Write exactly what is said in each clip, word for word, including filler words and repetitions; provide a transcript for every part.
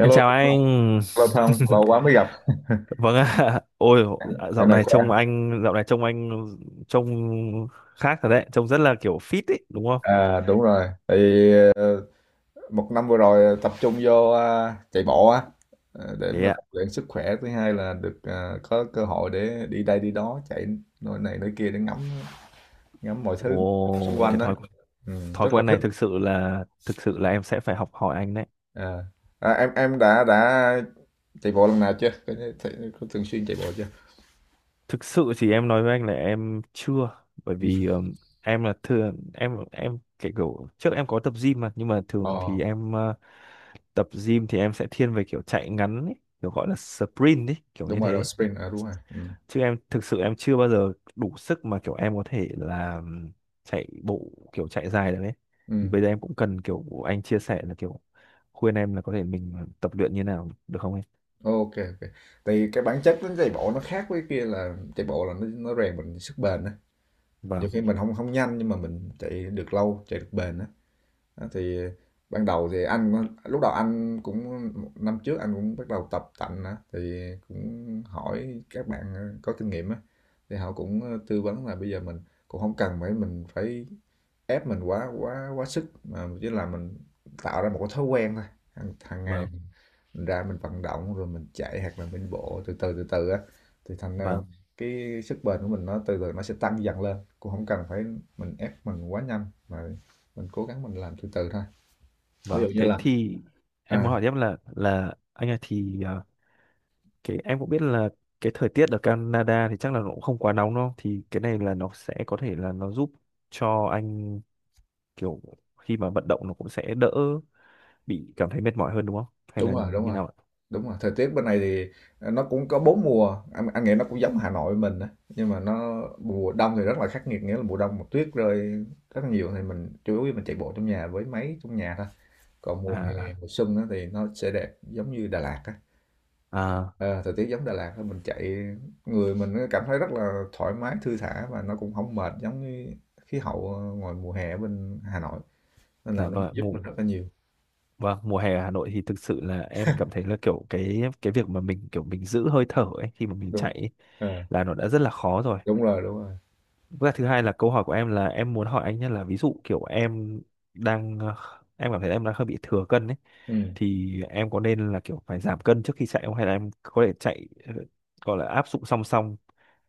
Em chào anh. lâu không, lâu quá mới gặp, Vâng ạ. Ôi, dạo dạo này này khỏe. trông anh, dạo này trông anh trông khác thật đấy, trông rất là kiểu fit ấy, đúng không? À đúng rồi, thì ờ, một năm vừa rồi tập trung vô à, chạy bộ á, ờ, để Thế mà ạ. rèn luyện sức khỏe. Thứ hai là được à, có cơ hội để đi đây đi đó, chạy nơi này nơi kia để ngắm ngắm mọi thứ xung Ồ, quanh cái đó. thói Ừ, thói rất là quen thích. này thực sự là thực sự là em sẽ phải học hỏi anh đấy. À, à, em em đã đã chạy bộ lần nào chưa? Có, có thường xuyên chạy bộ chưa? Thực sự thì em nói với anh là em chưa, bởi vì ừm, em là thường em em cái kiểu trước em có tập gym mà, nhưng mà Ồ, thường thì em ờ, tập gym thì em sẽ thiên về kiểu chạy ngắn ấy, kiểu gọi là sprint ấy, kiểu đúng như rồi, rồi thế sprint, à, đúng rồi. Ừ. chứ em thực sự em chưa bao giờ đủ sức mà kiểu em có thể là chạy bộ kiểu chạy dài được ấy Ừ. thì bây giờ em cũng cần kiểu anh chia sẻ là kiểu khuyên em là có thể mình tập luyện như nào được không em. Ok, ok. Tại cái bản chất đến chạy bộ nó khác với kia là chạy bộ là nó nó rèn mình sức bền á. Nhiều Vâng, khi mình không không nhanh nhưng mà mình chạy được lâu, chạy được bền á. Đó, thì ban đầu thì anh lúc đầu anh cũng năm trước anh cũng bắt đầu tập tành á thì cũng hỏi các bạn ờ, có kinh nghiệm á thì họ cũng ờ, tư vấn là bây giờ mình cũng không cần phải mình phải ép mình quá quá quá sức mà chỉ là mình tạo ra một cái thói quen thôi hàng, hàng ngày vâng, mình ra mình vận động rồi mình chạy hoặc là mình bộ từ từ từ từ á thì thành ra vâng, cái sức bền của mình nó từ từ nó sẽ tăng dần lên cũng không cần phải mình ép mình quá nhanh mà mình cố gắng mình làm từ từ thôi ví vâng. dụ như Thế là thì em à, muốn hỏi tiếp là là anh ơi thì à, cái em cũng biết là cái thời tiết ở Canada thì chắc là nó cũng không quá nóng đâu thì cái này là nó sẽ có thể là nó giúp cho anh kiểu khi mà vận động nó cũng sẽ đỡ bị cảm thấy mệt mỏi hơn đúng không hay đúng là rồi đúng như rồi nào ạ? đúng rồi thời tiết bên này thì nó cũng có bốn mùa anh, anh nghĩ nó cũng giống Hà Nội mình á nhưng mà nó mùa đông thì rất là khắc nghiệt nghĩa là mùa đông mà tuyết rơi rất là nhiều thì mình chủ yếu mình chạy bộ trong nhà với máy trong nhà thôi, còn mùa hè À, mùa xuân á thì nó sẽ đẹp giống như Đà Lạt á. à, Ờ, thời tiết giống Đà Lạt thôi, mình chạy người mình cảm thấy rất là thoải mái, thư thả và nó cũng không mệt giống như khí hậu ờ, ngoài mùa hè ở bên Hà Nội. Nên là dạ nó vâng, ạ, giúp mùa mình rất là nhiều. vâng, mùa hè ở Hà Nội thì thực sự là em cảm thấy là kiểu cái cái việc mà mình kiểu mình giữ hơi thở ấy khi mà mình Đúng. chạy ấy, Ờ, là nó đã rất là khó rồi. đúng rồi, đúng rồi. Và thứ hai là câu hỏi của em là em muốn hỏi anh nhé là ví dụ kiểu em đang ờ, em cảm thấy em đang hơi bị thừa cân ấy Ừ. thì em có nên là kiểu phải giảm cân trước khi chạy không hay là em có thể chạy ờ, gọi là áp dụng song song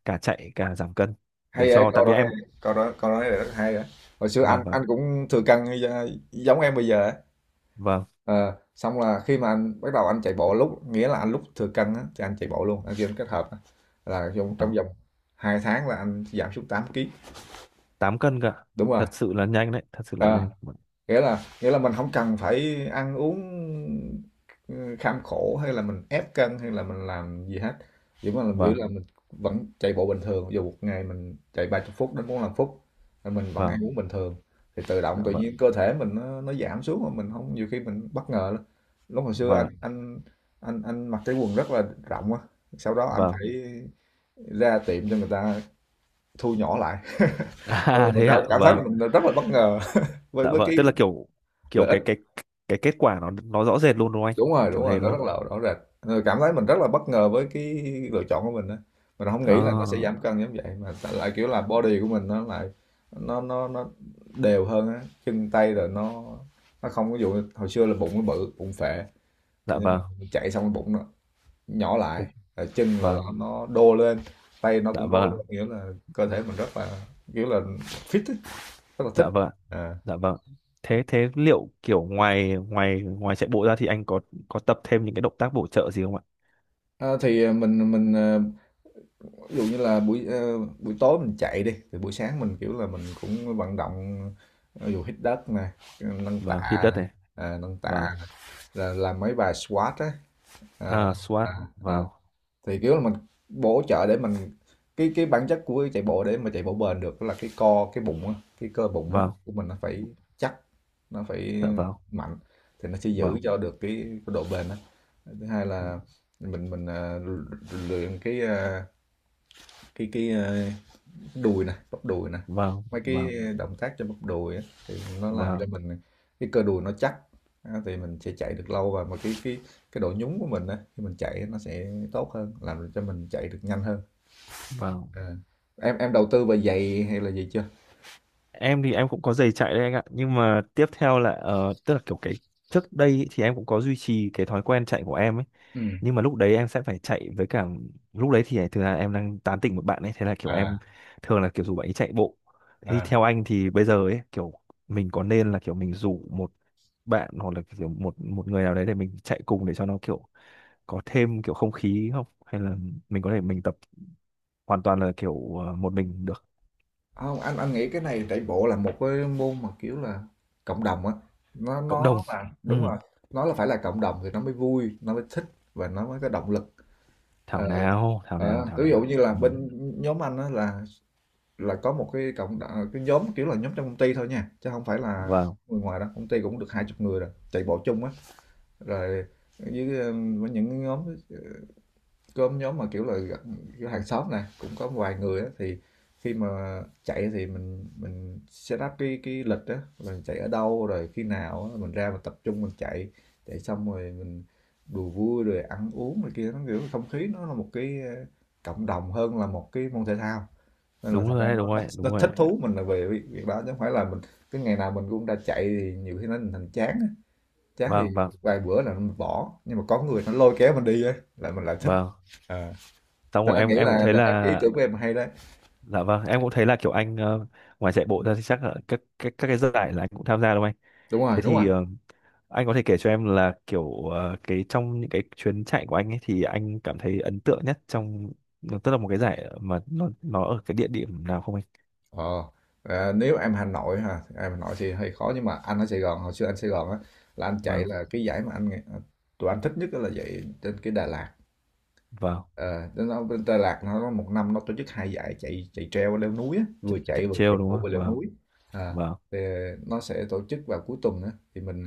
cả chạy cả giảm cân để Hay vậy, cho tại câu vì đó hay. em. Câu đó câu nói này rất hay á. Hồi xưa anh Vâng, vâng, anh cũng thừa cân như da- giống em bây giờ á. vâng, Ờ, xong là khi mà anh bắt đầu anh chạy bộ lúc nghĩa là anh lúc thừa cân á thì anh chạy bộ luôn, anh kêu kết hợp á. Là trong trong vâng. vòng hai tháng là anh giảm xuống tám ký. Tám cân cả, Đúng rồi. thật sự là nhanh đấy, thật sự là Ờ, nhanh. nghĩa là nghĩa là mình không cần phải ăn uống, ừ, kham khổ hay là mình ép cân hay là mình làm gì hết, chỉ mà mình biểu Vâng, là mình vẫn chạy bộ bình thường, dù một ngày mình chạy ba mươi phút đến bốn lăm phút, rồi mình vẫn ăn vâng, uống bình thường, thì tự động dạ tự vâng, nhiên cơ thể mình nó nó giảm xuống mà mình không nhiều khi mình bất ngờ lắm. Lúc hồi xưa vâng anh ạ, anh anh anh mặc cái quần rất là rộng á, sau đó anh vâng. phải ra tiệm cho người ta thu nhỏ lại, rồi À mình thế cảm ạ, cảm thấy vâng, là mình rất là bất ngờ với dạ với vâng cái tức là kiểu kiểu lợi ích cái cái cái kết quả nó nó rõ rệt luôn đúng không anh, đúng rồi đúng kiểu rồi thế nó đúng rất không? là rõ rệt. Ờ, cảm thấy mình rất là bất ngờ với cái lựa chọn của mình á, mình không nghĩ là nó sẽ giảm À, cân giống vậy mà tại- lại kiểu là body của mình nó lại nó nó nó đều hơn á chân tay rồi nó nó không có dụ hồi xưa là bụng nó bự bụng phệ dạ nhưng mà vâng. mình chạy xong cái bụng nó nhỏ lại, Ồ, rồi chân là là vâng, nó đô lên, tay nó dạ cũng vâng đô ạ, lên nghĩa là cơ thể mình rất là kiểu là fit á, rất là thích dạ vâng ạ, à. dạ vâng. Thế thế liệu kiểu ngoài ngoài ngoài chạy bộ ra thì anh có có tập thêm những cái động tác bổ trợ gì không ạ? À, thì mình mình ờ, ví dụ như là buổi, ờ, buổi tối mình chạy đi, thì buổi sáng mình, kiểu là, mình cũng vận động, ví dụ hít đất nè, ờ, nâng Vâng, hít tạ đất nè, này. ờ, nâng tạ Vâng, nè, rồi làm mấy bài squat á, ờ, à ờ, squat ờ. vâng. Thì, kiểu là, mình bổ trợ để mình cái cái bản chất của chạy bộ để mà chạy bộ bền được là cái co, cái bụng á, cái cơ bụng á Vâng, của mình nó phải chắc, nó phải dạ vâng, mạnh thì nó sẽ giữ vâng, cho được cái, cái độ bền á. Thứ hai là mình mình ờ, luyện cái ờ, cái cái ờ, đùi nè, bắp đùi nè, vâng, mấy cái vâng, động tác cho bắp đùi á, thì nó làm cho vâng, mình cái cơ đùi nó chắc á, thì mình sẽ chạy được lâu và mà cái cái cái độ nhún của mình á, khi mình chạy nó sẽ tốt hơn, làm cho mình chạy được nhanh hơn. vâng. Ờ. Em em đầu tư về giày hay là gì chưa? Em thì em cũng có giày chạy đấy anh ạ, nhưng mà tiếp theo là ờ, tức là kiểu cái trước đây ý, thì em cũng có duy trì cái thói quen chạy của em ấy, Ừ. nhưng mà lúc đấy em sẽ phải chạy với cả lúc đấy thì thường là em đang tán tỉnh một bạn ấy, thế là kiểu em À, thường là kiểu rủ bạn ấy chạy bộ. Thế thì à. theo anh thì bây giờ ấy kiểu mình có nên là kiểu mình rủ một bạn hoặc là kiểu một một người nào đấy để mình chạy cùng để cho nó kiểu có thêm kiểu không khí không, hay là mình có thể mình tập hoàn toàn là kiểu ờ, một mình được. Không, anh anh nghĩ cái này chạy bộ là một cái môn mà kiểu là cộng đồng á, nó Cộng đồng, nó là đúng ừ, rồi, nó là phải là cộng đồng thì nó mới vui, nó mới thích và nó mới có động lực. thảo Ờ, nào thảo nào ờ, thảo ví dụ nào, như là ừ. bên nhóm anh á là Là có một cái cộng đ cái nhóm, kiểu là, nhóm trong công ty thôi nha, chứ không phải là Vâng, người ngoài đâu, công ty cũng được hai chục người rồi, chạy bộ chung á. Rồi với, ơ, với những cái nhóm, ờ, có nhóm mà, kiểu là, gặp kiểu hàng xóm nè, cũng có vài người á, thì khi mà chạy thì mình mình set up cái cái lịch á, mình chạy ở đâu, rồi khi nào á mình ra mình tập trung mình chạy, chạy xong rồi mình đùa vui rồi ăn uống này kia, nó, kiểu, không khí nó là một cái, ơ, cộng đồng hơn là một cái môn thể thao, nên là đúng thành rồi ra đấy, đúng nó, nó, rồi đấy, nó đúng rồi thích đấy. thú mình là về việc, việc đó chứ không phải là mình cứ ngày nào mình cũng ra chạy thì nhiều khi nó thành chán á. Chán thì Vâng, vâng, vài bữa là mình bỏ nhưng mà có người nó lôi kéo mình đi á là mình lại thích vâng. à. Xong Nên rồi anh em nghĩ em cũng là thấy là em cái ý là tưởng của em hay đấy. dạ vâng em cũng thấy là kiểu anh ờ, ngoài chạy bộ ra thì chắc là các các các cái giải là anh cũng tham gia đúng không anh? Đúng rồi Thế đúng rồi. thì ờ, anh có thể kể cho em là kiểu ờ, cái trong những cái chuyến chạy của anh ấy thì anh cảm thấy ấn tượng nhất trong tức là một cái giải mà nó nó ở cái địa điểm nào không anh? Ờ, à, nếu em Hà Nội ha em Hà Nội thì hơi khó nhưng mà anh ở Sài Gòn hồi xưa anh Sài Gòn á là anh chạy Vâng, là cái giải mà anh tụi anh thích nhất đó là chạy trên cái Đà Lạt. vâng, Ờ, nó nó bên Đà Lạt nó nó một năm nó tổ chức hai giải chạy chạy treo leo núi á, chạy, vừa chạy chạy vừa trail chạy đúng bộ không vừa leo vâng, núi. À, vâng, thì nó sẽ tổ chức vào cuối tuần á thì mình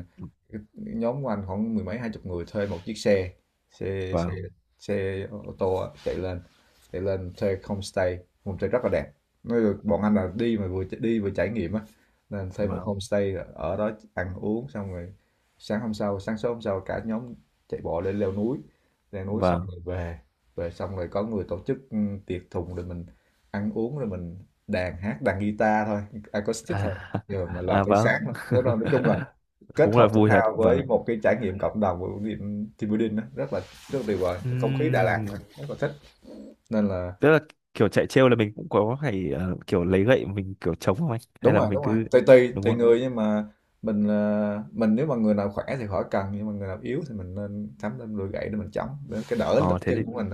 cái nhóm của anh khoảng mười mấy hai chục người thuê một chiếc xe xe xe vâng, xe ô tô á, chạy lên chạy lên thuê homestay, homestay rất là đẹp, nói là bọn anh là đi mà vừa đi vừa trải nghiệm á nên thuê một vâng, homestay ở đó ăn uống xong rồi sáng hôm sau sáng sớm hôm sau cả nhóm chạy bộ lên leo núi, leo núi xong vâng, rồi về rồi xong rồi có người tổ chức ừ, tiệc thùng rồi mình ăn uống rồi mình đàn hát đàn guitar thôi acoustic à, thôi rồi mà làm à tới vâng. sáng lắm. Nói nói chung là kết Cũng là hợp thể vui thật thao với vâng. một cái trải nghiệm cộng đồng của team team building đó, rất là rất là tuyệt vời. Không khí Đà Lạt Ừm, rất là thích nên là. tức là kiểu chạy trêu là mình cũng có phải ờ, kiểu lấy gậy mình kiểu chống không anh hay Đúng là rồi mình đúng rồi, cứ tùy tùy đúng tùy không. người nhưng mà mình, ờ, mình nếu mà người nào khỏe thì khỏi cần, nhưng mà người nào yếu thì mình nên sắm lên đôi gậy để mình chống, để cái đỡ lực Ờ thế thì chân của mình.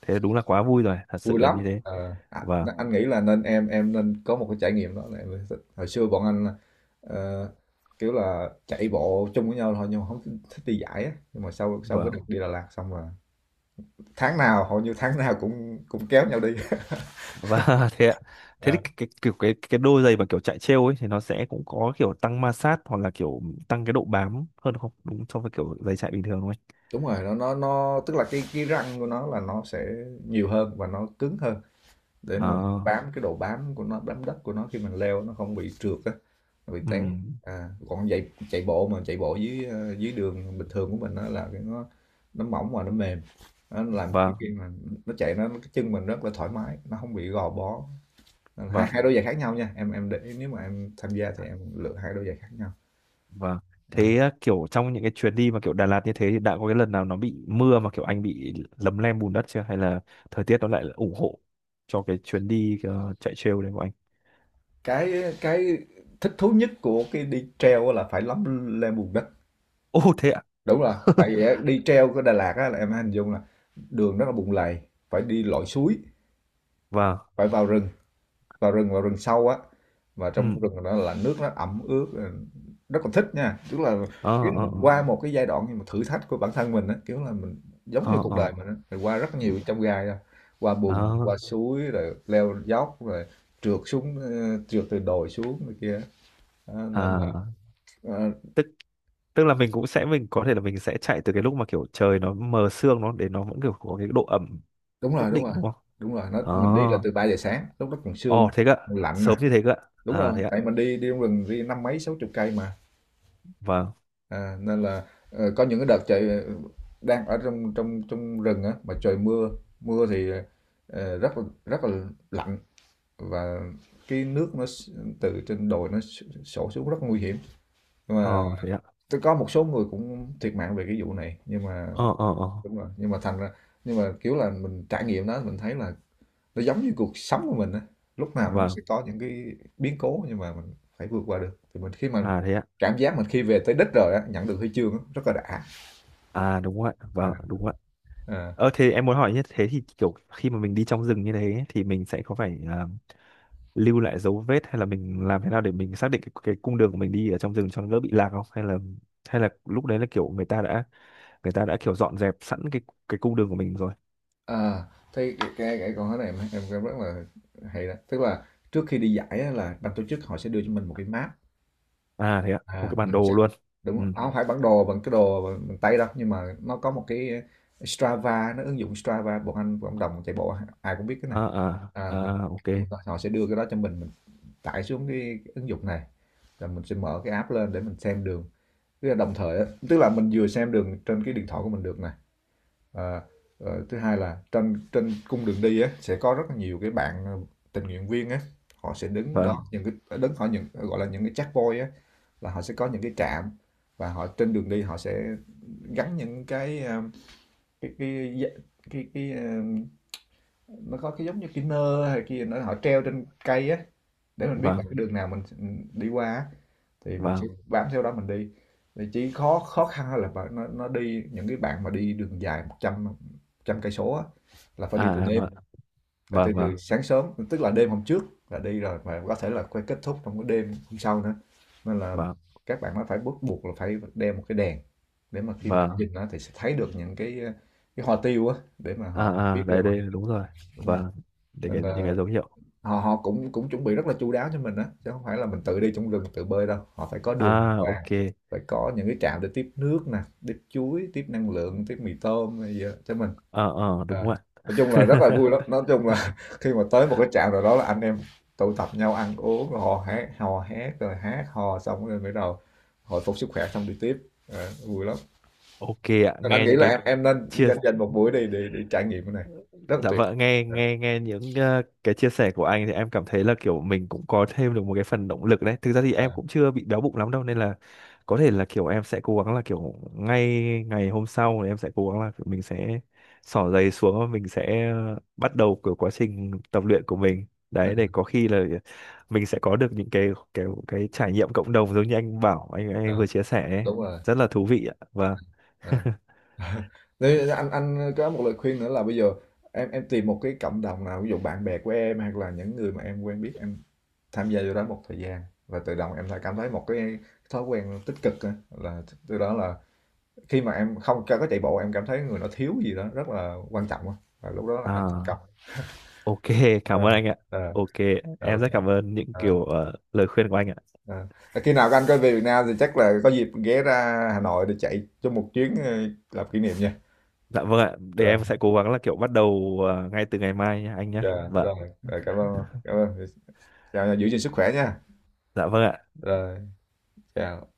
thế đúng là quá vui rồi thật Vui sự là lắm. như thế. Ờ, à, và anh nghĩ là nên em em nên có một cái trải nghiệm đó là em mới. Hồi xưa bọn anh ờ, kiểu là chạy bộ chung với nhau thôi nhưng mà không thích, thích đi giải á, nhưng mà sau sau và cái đợt đi Đà Lạt xong là tháng nào hầu như tháng nào cũng cũng kéo nhau đi. và thế ạ. Thế thì Ờ, cái, cái kiểu cái cái đôi giày mà kiểu chạy trêu ấy thì nó sẽ cũng có kiểu tăng ma sát hoặc là kiểu tăng cái độ bám hơn không đúng so với kiểu giày chạy bình thường đúng không anh? đúng rồi, nó nó nó tức là cái cái răng của nó là nó sẽ nhiều hơn và nó cứng hơn để Ờ, nó bám, cái độ bám của nó, bám đất của nó khi mình leo nó không bị trượt á, nó bị té. ừm, À, còn chạy chạy bộ mà chạy bộ dưới, ờ, dưới đường bình thường của mình đó là cái nó nó mỏng và nó mềm, nó làm cho vâng, khi mà nó chạy nó cái chân mình rất là thoải mái, nó không bị gò bó. Nên hai vâng. hai đôi giày khác nhau nha em em để ý, nếu mà em tham gia thì em lựa hai đôi giày khác nhau. Vâng. Ừ. Thế à, kiểu trong những cái chuyến đi mà kiểu Đà Lạt như thế thì đã có cái lần nào nó bị mưa mà kiểu anh bị lấm lem bùn đất chưa? Hay là thời tiết nó lại ủng hộ cho cái chuyến đi ờ, chạy trail đấy của anh? cái cái thích thú nhất của cái đi treo là phải lắm lên bùn đất. Ô thế ạ? Đúng rồi, tại vì á, đi treo của Đà Lạt á là em hình dung là đường rất là bùn lầy, phải đi lội suối, Vâng. phải vào rừng, vào rừng vào rừng sâu á. Và Ừ. trong rừng đó là nước nó ẩm ướt, ừ, rất là thích nha. Tức là kiểu Ờ là ờ mình ờ qua một cái giai đoạn nhưng mà thử thách của bản thân mình á, kiểu là mình giống như ờ cuộc đời ờ. mình á, mình qua rất Ừ. nhiều trong gai á, qua bùn, Ờ, qua suối, rồi leo dốc, rồi trượt xuống, ờ, trượt từ đồi xuống này kia á. Đó, nên là à. ờ, Tức Tức là mình cũng sẽ mình có thể là mình sẽ chạy từ cái lúc mà kiểu trời nó mờ sương nó để nó vẫn kiểu có cái độ ẩm đúng nhất rồi đúng định rồi. đúng không? Đúng rồi nó Ờ. mình đi là từ ba giờ sáng, lúc đó còn sương Ồ thế cơ. Ạ. còn lạnh. Sớm như thế cơ. Ạ. Đúng À rồi, thế ạ. tại mình đi, đi trong rừng đi năm mấy sáu chục cây mà. Vâng. À, nên là ờ, có những cái đợt trời, ờ, đang ở trong trong trong rừng á mà trời mưa, mưa thì ờ, rất là rất là lạnh, và cái nước nó s- từ trên đồi nó s- sổ xuống rất nguy hiểm. Nhưng Ờ mà thế ạ. tôi có một số người cũng thiệt mạng về cái vụ này, nhưng mà Ờ ờ ờ. đúng rồi. Nhưng mà thành ra, nhưng mà kiểu là mình trải nghiệm đó mình thấy là nó giống như cuộc sống của mình á, lúc nào nó cũng Vâng. sẽ có những cái biến cố nhưng mà mình phải vượt qua được thì mình, khi mà À thế ạ. cảm giác mình khi về tới đích rồi á, nhận được huy chương á, rất là đã. À đúng ạ, à, vâng, đúng ạ. à, Ờ thế em muốn hỏi như thế thì kiểu khi mà mình đi trong rừng như thế thì mình sẽ có phải à, lưu lại dấu vết hay là mình làm thế nào để mình xác định cái, cái cung đường của mình đi ở trong rừng cho nó đỡ bị lạc không? Hay là hay là lúc đấy là kiểu người ta đã người ta đã kiểu dọn dẹp sẵn cái cái cung đường của mình rồi. à, Thấy cái, cái, cái con cái này em, em em rất là hay đó, tức là trước khi đi giải á, là ban tổ chức họ sẽ đưa cho mình một cái map. À thế ạ, một À, cái bản mình sẽ, đồ luôn. đúng Ừ. rồi. Nó không phải bản đồ bằng cái đồ bằng, bằng tay đâu, nhưng mà nó có một cái Strava, nó ứng dụng Strava, bọn anh cộng đồng chạy bộ ai cũng biết cái này. À à à, mình, à ok. Mình- họ sẽ đưa cái đó cho mình mình tải xuống cái ứng dụng này, rồi mình sẽ mở cái app lên để mình xem đường, tức là đồng thời á, tức là mình vừa xem đường trên cái điện thoại của mình được nè. à, ờ, Thứ hai là trên trên cung đường đi á sẽ có rất là nhiều cái bạn, ờ, tình nguyện viên á, họ sẽ đứng Vâng, đó những cái, ờ, đứng họ những, ờ, gọi là những cái checkpoint á, là họ sẽ có những cái trạm. Và họ trên đường đi họ sẽ gắn những cái, ờ, cái cái cái, cái, cái ờ, nó có cái giống như cái nơ hay kia nó họ treo trên cây á, để mình biết là vâng, cái đường nào mình, ừ, đi qua á, thì mình chỉ vâng. bám theo đó mình đi. Thì chỉ khó khó khăn là nó nó đi những cái bạn mà đi đường dài một trăm trăm cây số á, là phải À đi từ à, vâng, đêm, phải từ, vâng, vâng, từ sáng sớm, tức là đêm hôm trước là đi rồi mà có thể là quay kết thúc trong cái đêm hôm sau nữa, nên là vâng, các bạn nó phải bắt buộc là phải đeo một cái đèn, để mà khi mà vâng. nhìn nó thì sẽ thấy được những cái cái hoa tiêu á để mà À họ biết à được đây họ đây đi đúng rồi. đúng rồi. Vâng. Để Nên cái những cái là dấu hiệu. họ họ cũng cũng chuẩn bị rất là chu đáo cho mình á, chứ không phải là mình tự đi trong rừng tự bơi đâu, họ phải có đường đàng À hoàng, ok. phải có những cái trạm để tiếp nước nè, tiếp chuối, tiếp năng lượng, tiếp mì tôm hay gì đó cho mình. Ờ ờ đúng Ờ. rồi Nói chung là rất ạ. là vui lắm, nói chung là khi mà tới một cái trạm nào đó là anh em tụ tập nhau ăn uống rồi hò hét hò hét rồi hát hò xong rồi bắt đầu hồi phục sức khỏe xong đi tiếp. Ờ, vui lắm. Ok ạ, Nên anh nghe nghĩ những là cái em em nên chia dành dành một buổi đi để, để trải nghiệm cái này, rất là dạ tuyệt. vợ nghe nghe nghe những ờ, cái chia sẻ của anh thì em cảm thấy là kiểu mình cũng có thêm được một cái phần động lực đấy, thực ra thì Ờ, em cũng chưa bị béo bụng lắm đâu nên là có thể là kiểu em sẽ cố gắng là kiểu ngay ngày hôm sau thì em sẽ cố gắng là kiểu mình sẽ xỏ giày xuống và mình sẽ ờ, bắt đầu kiểu quá trình tập luyện của mình ờ, đấy để có khi là mình sẽ có được những cái cái cái trải nghiệm cộng đồng giống như anh bảo anh anh ờ, vừa chia sẻ ấy. đúng rồi. Rất là thú vị ạ, vâng, Ờ. Thế anh anh có một lời khuyên nữa là bây giờ em em tìm một cái cộng đồng nào, ví dụ bạn bè của em hoặc là những người mà em quen biết, em tham gia vô đó một thời gian, và tự động em lại cảm thấy một cái thói quen tích cực á, là từ đó là khi mà em không có chạy bộ em cảm thấy người nó thiếu gì đó rất là quan trọng á. Và lúc đó là anh thành công. à. Ok, cảm Ờ, ơn anh ạ. ờ, Ok, ờ, em ok. rất cảm ơn những Ờ, kiểu ờ, lời khuyên của anh ạ. ờ. Và khi nào các anh có về Việt Nam thì chắc là có dịp ghé ra Hà Nội để chạy cho một chuyến, ờ, làm kỷ niệm nha. Dạ vâng ạ, để Rồi. em sẽ cố gắng là kiểu bắt đầu ờ, ngay từ ngày mai nhé anh nhé. Dạ, Vâng, rồi. Rồi, cảm ơn cảm ơn. Chào, giữ gìn sức khỏe nha. dạ vâng ạ. Rồi, chào.